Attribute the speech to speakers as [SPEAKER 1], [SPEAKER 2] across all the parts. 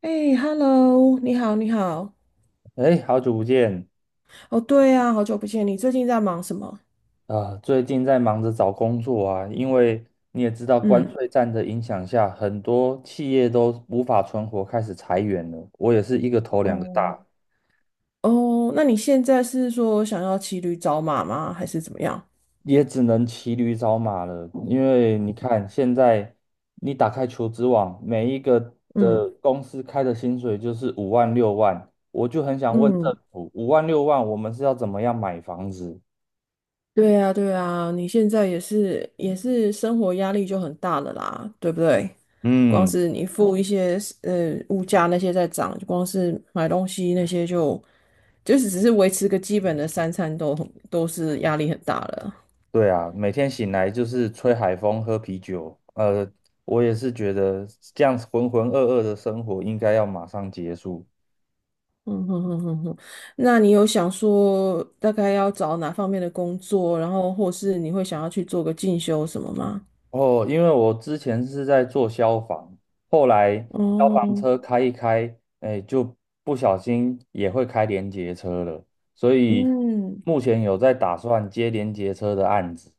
[SPEAKER 1] 哎，Hello，你好，你好。
[SPEAKER 2] 哎，好久不见！
[SPEAKER 1] 哦，对啊，好久不见，你最近在忙什么？
[SPEAKER 2] 啊、最近在忙着找工作啊，因为你也知道，关
[SPEAKER 1] 嗯，
[SPEAKER 2] 税战的影响下，很多企业都无法存活，开始裁员了。我也是一个头两个
[SPEAKER 1] 哦，
[SPEAKER 2] 大，
[SPEAKER 1] 哦，那你现在是说想要骑驴找马吗？还是怎么样？
[SPEAKER 2] 也只能骑驴找马了。因为你看，现在你打开求职网，每一个
[SPEAKER 1] 嗯
[SPEAKER 2] 的公司开的薪水就是五万六万，我就很想问政
[SPEAKER 1] 嗯，
[SPEAKER 2] 府，五万六万，我们是要怎么样买房子？
[SPEAKER 1] 对啊，对啊，你现在也是生活压力就很大了啦，对不对？光
[SPEAKER 2] 嗯。
[SPEAKER 1] 是你付一些物价那些在涨，光是买东西那些就是只是维持个基本的三餐都是压力很大了。
[SPEAKER 2] 对啊，每天醒来就是吹海风、喝啤酒。我也是觉得这样子浑浑噩噩的生活应该要马上结束。
[SPEAKER 1] 嗯哼哼哼哼，那你有想说大概要找哪方面的工作，然后或是你会想要去做个进修什么吗？
[SPEAKER 2] 哦，因为我之前是在做消防，后来消防
[SPEAKER 1] 哦，
[SPEAKER 2] 车开一开，哎，就不小心也会开联结车了，所以
[SPEAKER 1] 嗯，
[SPEAKER 2] 目前有在打算接联结车的案子。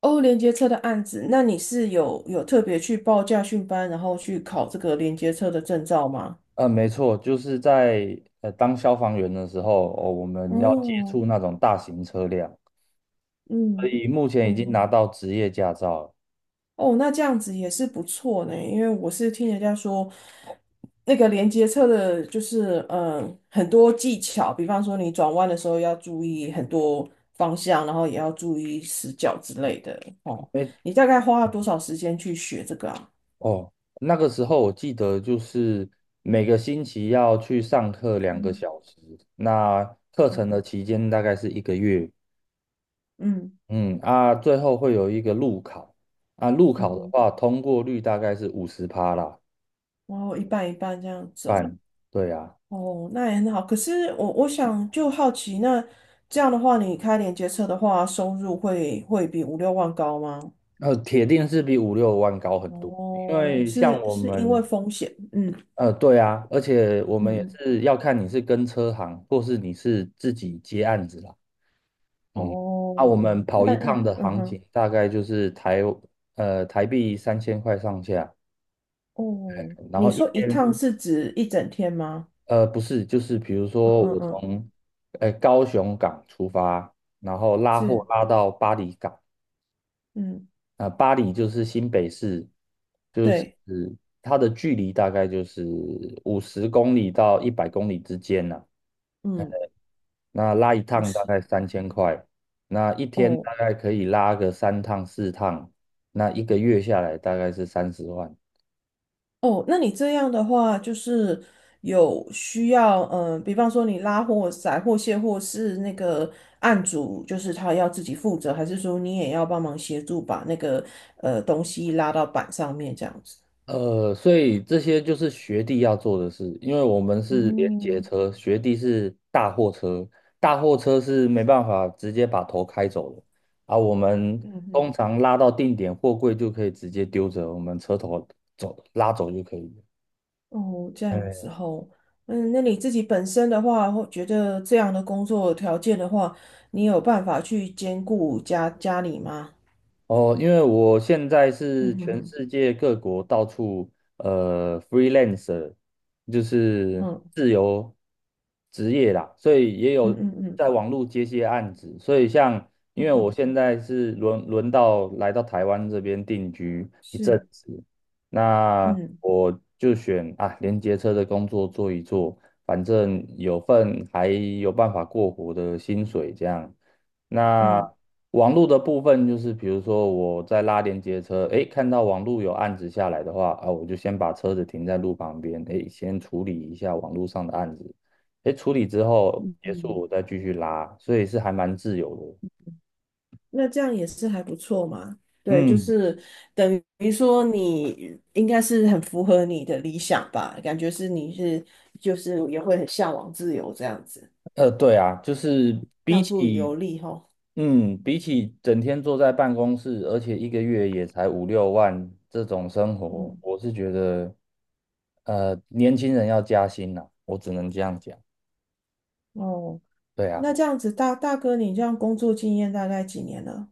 [SPEAKER 1] 哦，连接车的案子，那你是有特别去报驾训班，然后去考这个连接车的证照吗？
[SPEAKER 2] 没错，就是在当消防员的时候，哦，我们要接
[SPEAKER 1] 哦，
[SPEAKER 2] 触那种大型车辆。所
[SPEAKER 1] 嗯。
[SPEAKER 2] 以目前已经
[SPEAKER 1] 嗯
[SPEAKER 2] 拿到职业驾照了。
[SPEAKER 1] 哦，那这样子也是不错呢，因为我是听人家说，那个连接车的，就是很多技巧，比方说你转弯的时候要注意很多方向，然后也要注意死角之类的。哦，
[SPEAKER 2] 哎，
[SPEAKER 1] 你大概花了多少时间去学这个啊？
[SPEAKER 2] 哦，那个时候我记得就是每个星期要去上课两个
[SPEAKER 1] 嗯
[SPEAKER 2] 小时，那课程
[SPEAKER 1] 嗯
[SPEAKER 2] 的期间大概是一个月。
[SPEAKER 1] 嗯
[SPEAKER 2] 嗯啊，最后会有一个路考啊，路考的
[SPEAKER 1] 嗯，
[SPEAKER 2] 话通过率大概是50%啦，
[SPEAKER 1] 然后一半一半这样走。
[SPEAKER 2] 半，对啊，
[SPEAKER 1] 哦。哦，那也很好。可是我想就好奇，那这样的话，你开连接车的话，收入会比五六万高吗？
[SPEAKER 2] 铁定是比五六万高很多，因
[SPEAKER 1] 哦，
[SPEAKER 2] 为像
[SPEAKER 1] 是
[SPEAKER 2] 我
[SPEAKER 1] 是因为
[SPEAKER 2] 们。
[SPEAKER 1] 风险，嗯
[SPEAKER 2] 对啊，而且我
[SPEAKER 1] 嗯
[SPEAKER 2] 们也
[SPEAKER 1] 嗯，
[SPEAKER 2] 是要看你是跟车行，或是你是自己接案子啦。嗯，那
[SPEAKER 1] 哦，
[SPEAKER 2] 我们跑
[SPEAKER 1] 那
[SPEAKER 2] 一趟的
[SPEAKER 1] 嗯
[SPEAKER 2] 行情
[SPEAKER 1] 哼，
[SPEAKER 2] 大概就是台币三千块上下，
[SPEAKER 1] 哦，
[SPEAKER 2] 然
[SPEAKER 1] 你
[SPEAKER 2] 后一
[SPEAKER 1] 说一趟
[SPEAKER 2] 天
[SPEAKER 1] 是指一整天吗？
[SPEAKER 2] 不是，就是比如
[SPEAKER 1] 嗯
[SPEAKER 2] 说
[SPEAKER 1] 嗯
[SPEAKER 2] 我
[SPEAKER 1] 嗯，
[SPEAKER 2] 从高雄港出发，然后拉货
[SPEAKER 1] 是，
[SPEAKER 2] 拉到巴黎港，
[SPEAKER 1] 嗯，
[SPEAKER 2] 啊、巴黎就是新北市，就是
[SPEAKER 1] 对，
[SPEAKER 2] 它的距离大概就是50公里到100公里之间呢、
[SPEAKER 1] 嗯，
[SPEAKER 2] 那拉一
[SPEAKER 1] 不
[SPEAKER 2] 趟大
[SPEAKER 1] 是
[SPEAKER 2] 概
[SPEAKER 1] 的，
[SPEAKER 2] 三千块，那一天
[SPEAKER 1] 哦
[SPEAKER 2] 大概可以拉个三趟四趟，那一个月下来大概是30万。
[SPEAKER 1] 哦，那你这样的话，就是有需要，比方说你拉货、载货、卸货是那个案主，就是他要自己负责，还是说你也要帮忙协助把那个东西拉到板上面这样子？
[SPEAKER 2] 所以这些就是学弟要做的事，因为我们是连接
[SPEAKER 1] 嗯
[SPEAKER 2] 车，学弟是大货车，大货车是没办法直接把头开走的啊。我们
[SPEAKER 1] 嗯哼。
[SPEAKER 2] 通常拉到定点，货柜就可以直接丢着，我们车头走拉走就可以了。
[SPEAKER 1] 哦，这样
[SPEAKER 2] 哎
[SPEAKER 1] 子吼，嗯，那你自己本身的话，会觉得这样的工作条件的话，你有办法去兼顾家家里吗？
[SPEAKER 2] 哦，因为我现在
[SPEAKER 1] 嗯
[SPEAKER 2] 是
[SPEAKER 1] 哼
[SPEAKER 2] 全
[SPEAKER 1] 哼，
[SPEAKER 2] 世界各国到处freelancer,就是
[SPEAKER 1] 嗯
[SPEAKER 2] 自由职业啦，所以也
[SPEAKER 1] 嗯
[SPEAKER 2] 有
[SPEAKER 1] 嗯嗯
[SPEAKER 2] 在网络接些案子。所以像，因
[SPEAKER 1] 嗯
[SPEAKER 2] 为我
[SPEAKER 1] 哼，
[SPEAKER 2] 现在是轮到来到台湾这边定居一阵
[SPEAKER 1] 是，
[SPEAKER 2] 子，那
[SPEAKER 1] 嗯
[SPEAKER 2] 我就选啊连接车的工作做一做，反正有份还有办法过活的薪水这样。那
[SPEAKER 1] 嗯，
[SPEAKER 2] 网络的部分就是，比如说我在拉连接车，诶，看到网络有案子下来的话，啊，我就先把车子停在路旁边，诶，先处理一下网络上的案子，诶，处理之后结束，我再继续拉，所以是还蛮自由的。
[SPEAKER 1] 那这样也是还不错嘛。对，就
[SPEAKER 2] 嗯，
[SPEAKER 1] 是等于说你应该是很符合你的理想吧，感觉是你是就是也会很向往自由这样子，
[SPEAKER 2] 对啊，就是
[SPEAKER 1] 到
[SPEAKER 2] 比
[SPEAKER 1] 处
[SPEAKER 2] 起，
[SPEAKER 1] 游历吼。
[SPEAKER 2] 嗯，比起整天坐在办公室，而且一个月也才五六万这种生活，
[SPEAKER 1] 嗯，
[SPEAKER 2] 我是觉得，年轻人要加薪呐，我只能这样讲。
[SPEAKER 1] 哦。
[SPEAKER 2] 对
[SPEAKER 1] 那
[SPEAKER 2] 啊，
[SPEAKER 1] 这样子，大哥，你这样工作经验大概几年了？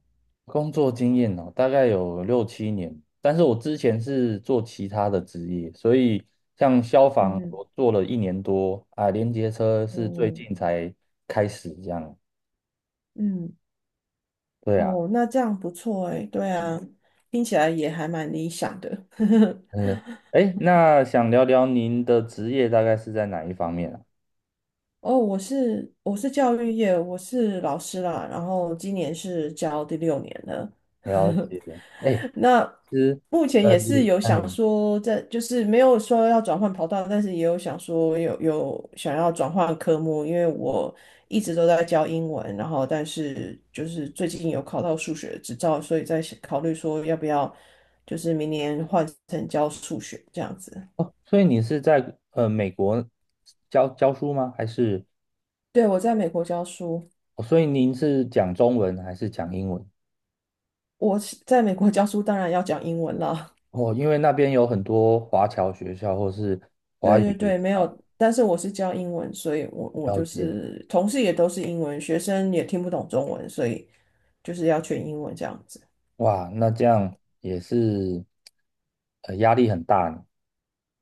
[SPEAKER 2] 工作经验哦，大概有六七年，但是我之前是做其他的职业，所以像消防
[SPEAKER 1] 嗯嗯，
[SPEAKER 2] 我做了一年多啊，连接车是最
[SPEAKER 1] 哦
[SPEAKER 2] 近才开始这样。
[SPEAKER 1] 嗯，
[SPEAKER 2] 对啊，
[SPEAKER 1] 哦，那这样不错哎，对啊，听起来也还蛮理想的。
[SPEAKER 2] 嗯，哎，那想聊聊您的职业大概是在哪一方面啊？
[SPEAKER 1] 哦，我是教育业，我是老师啦，然后今年是教第六年了。
[SPEAKER 2] 了 解，哎，
[SPEAKER 1] 那
[SPEAKER 2] 其实
[SPEAKER 1] 目前也
[SPEAKER 2] 也
[SPEAKER 1] 是有
[SPEAKER 2] 哎
[SPEAKER 1] 想说在，就是没有说要转换跑道，但是也有想说有想要转换科目，因为我一直都在教英文，然后但是就是最近有考到数学执照，所以在想考虑说要不要就是明年换成教数学这样子。
[SPEAKER 2] 哦，所以你是在美国教教书吗？还是
[SPEAKER 1] 对，我在美国教书。
[SPEAKER 2] 哦，所以您是讲中文还是讲英文？
[SPEAKER 1] 我是在美国教书，当然要讲英文啦。
[SPEAKER 2] 哦，因为那边有很多华侨学校或是 华
[SPEAKER 1] 对
[SPEAKER 2] 语
[SPEAKER 1] 对
[SPEAKER 2] 学
[SPEAKER 1] 对，没
[SPEAKER 2] 校，
[SPEAKER 1] 有，但是我是教英文，所以我
[SPEAKER 2] 了
[SPEAKER 1] 就
[SPEAKER 2] 解。
[SPEAKER 1] 是同事也都是英文，学生也听不懂中文，所以就是要全英文这样子。
[SPEAKER 2] 哇，那这样也是压力很大呢。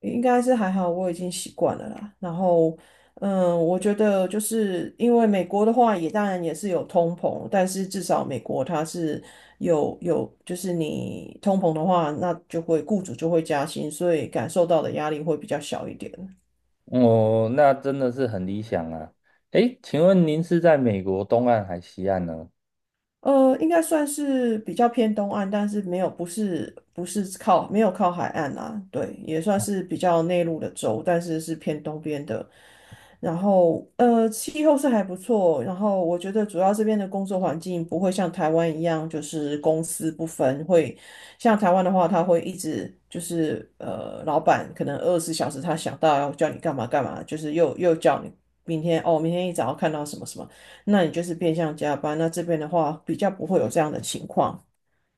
[SPEAKER 1] 应该是还好，我已经习惯了啦。然后，我觉得就是因为美国的话，也当然也是有通膨，但是至少美国它是有，就是你通膨的话，那雇主就会加薪，所以感受到的压力会比较小一点。
[SPEAKER 2] 哦，那真的是很理想啊。诶，请问您是在美国东岸还西岸呢？
[SPEAKER 1] 应该算是比较偏东岸，但是没有，不是靠没有靠海岸啦，对，也算是比较内陆的州，但是是偏东边的。然后气候是还不错，然后我觉得主要这边的工作环境不会像台湾一样，就是公私不分，会像台湾的话，他会一直就是老板可能24小时他想到要叫你干嘛干嘛，就是又叫你明天哦，明天一早要看到什么什么。那你就是变相加班。那这边的话，比较不会有这样的情况。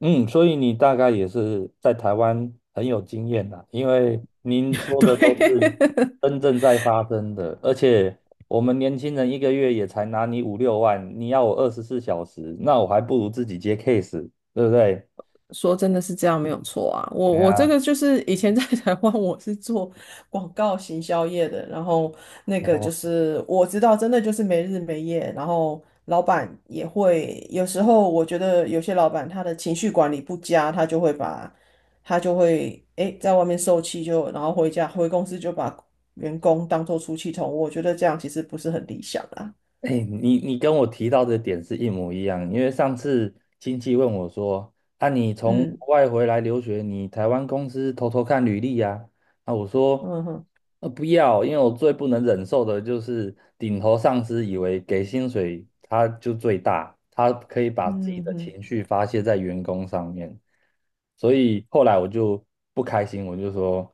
[SPEAKER 2] 嗯，所以你大概也是在台湾很有经验啦，因为您说的都是
[SPEAKER 1] 对，
[SPEAKER 2] 真正在发生的，而且我们年轻人一个月也才拿你五六万，你要我24小时，那我还不如自己接 case,对不对？
[SPEAKER 1] 说真的是这样没有错啊。我
[SPEAKER 2] 对
[SPEAKER 1] 我这
[SPEAKER 2] 呀，
[SPEAKER 1] 个就是以前在台湾我是做广告行销业的，然后那个就
[SPEAKER 2] 哦，
[SPEAKER 1] 是我知道，真的就是没日没夜，然后老板也会有时候，我觉得有些老板他的情绪管理不佳，他就会在外面受气就，然后回公司就把员工当做出气筒，我觉得这样其实不是很理想啦。
[SPEAKER 2] 哎，你你跟我提到的点是一模一样，因为上次亲戚问我说，啊，你从
[SPEAKER 1] 嗯。
[SPEAKER 2] 国外回来留学，你台湾公司偷偷看履历呀、啊，我说，
[SPEAKER 1] 嗯哼，
[SPEAKER 2] 不要，因为我最不能忍受的就是顶头上司以为给薪水他就最大，他可以把自己
[SPEAKER 1] 嗯
[SPEAKER 2] 的
[SPEAKER 1] 哼，
[SPEAKER 2] 情绪发泄在员工上面，所以后来我就不开心，我就说，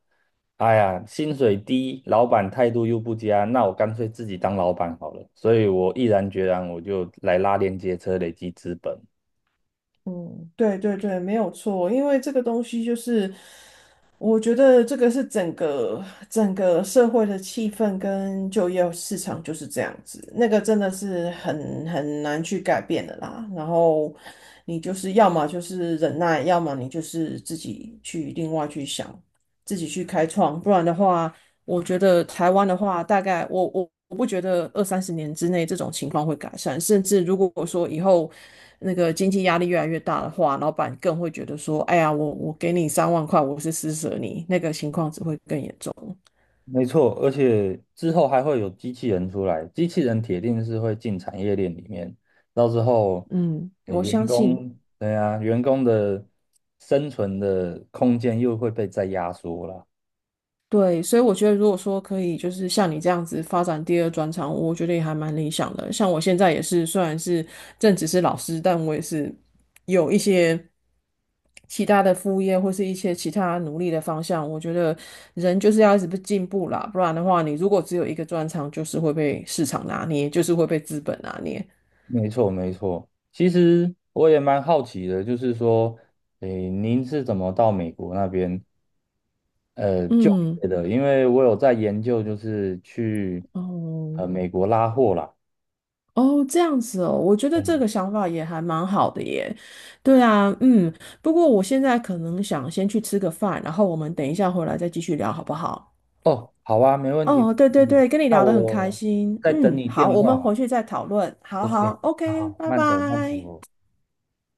[SPEAKER 2] 哎呀，薪水低，老板态度又不佳，那我干脆自己当老板好了，所以我毅然决然我就来拉连接车累积资本。
[SPEAKER 1] 嗯，对对对，没有错，因为这个东西就是，我觉得这个是整个社会的气氛跟就业市场就是这样子，那个真的是很难去改变的啦。然后你就是要么就是忍耐，要么你就是自己去另外去想自己去开创，不然的话，我觉得台湾的话，大概我不觉得二三十年之内这种情况会改善，甚至如果说以后那个经济压力越来越大的话，老板更会觉得说，哎呀，我给你3万块，我是施舍你，那个情况只会更严重。
[SPEAKER 2] 没错，而且之后还会有机器人出来，机器人铁定是会进产业链里面，到时候，
[SPEAKER 1] 嗯，我
[SPEAKER 2] 员
[SPEAKER 1] 相信。
[SPEAKER 2] 工，对啊，员工的生存的空间又会被再压缩了。
[SPEAKER 1] 对，所以我觉得，如果说可以，就是像你这样子发展第二专长，我觉得也还蛮理想的。像我现在也是，虽然是正职是老师，但我也是有一些其他的副业或是一些其他努力的方向。我觉得人就是要一直不进步啦，不然的话，你如果只有一个专长，就是会被市场拿捏，就是会被资本拿捏。
[SPEAKER 2] 没错，没错。其实我也蛮好奇的，就是说，诶，您是怎么到美国那边就
[SPEAKER 1] 嗯，
[SPEAKER 2] 业的？因为我有在研究，就是去
[SPEAKER 1] 哦，
[SPEAKER 2] 美国拉货啦。
[SPEAKER 1] 哦，这样子哦，我觉得这个想法也还蛮好的耶。对啊，不过我现在可能想先去吃个饭，然后我们等一下回来再继续聊，好不好？
[SPEAKER 2] 哦，好啊，没问题，没
[SPEAKER 1] 哦，对对
[SPEAKER 2] 问题。
[SPEAKER 1] 对，跟你
[SPEAKER 2] 那
[SPEAKER 1] 聊得很开
[SPEAKER 2] 我
[SPEAKER 1] 心。
[SPEAKER 2] 在等
[SPEAKER 1] 嗯，
[SPEAKER 2] 你
[SPEAKER 1] 好，
[SPEAKER 2] 电
[SPEAKER 1] 我
[SPEAKER 2] 话
[SPEAKER 1] 们
[SPEAKER 2] 好
[SPEAKER 1] 回
[SPEAKER 2] 了
[SPEAKER 1] 去再讨论。好
[SPEAKER 2] OK,
[SPEAKER 1] 好
[SPEAKER 2] 好
[SPEAKER 1] ，OK，
[SPEAKER 2] 好，
[SPEAKER 1] 拜
[SPEAKER 2] 慢走慢
[SPEAKER 1] 拜。
[SPEAKER 2] 走。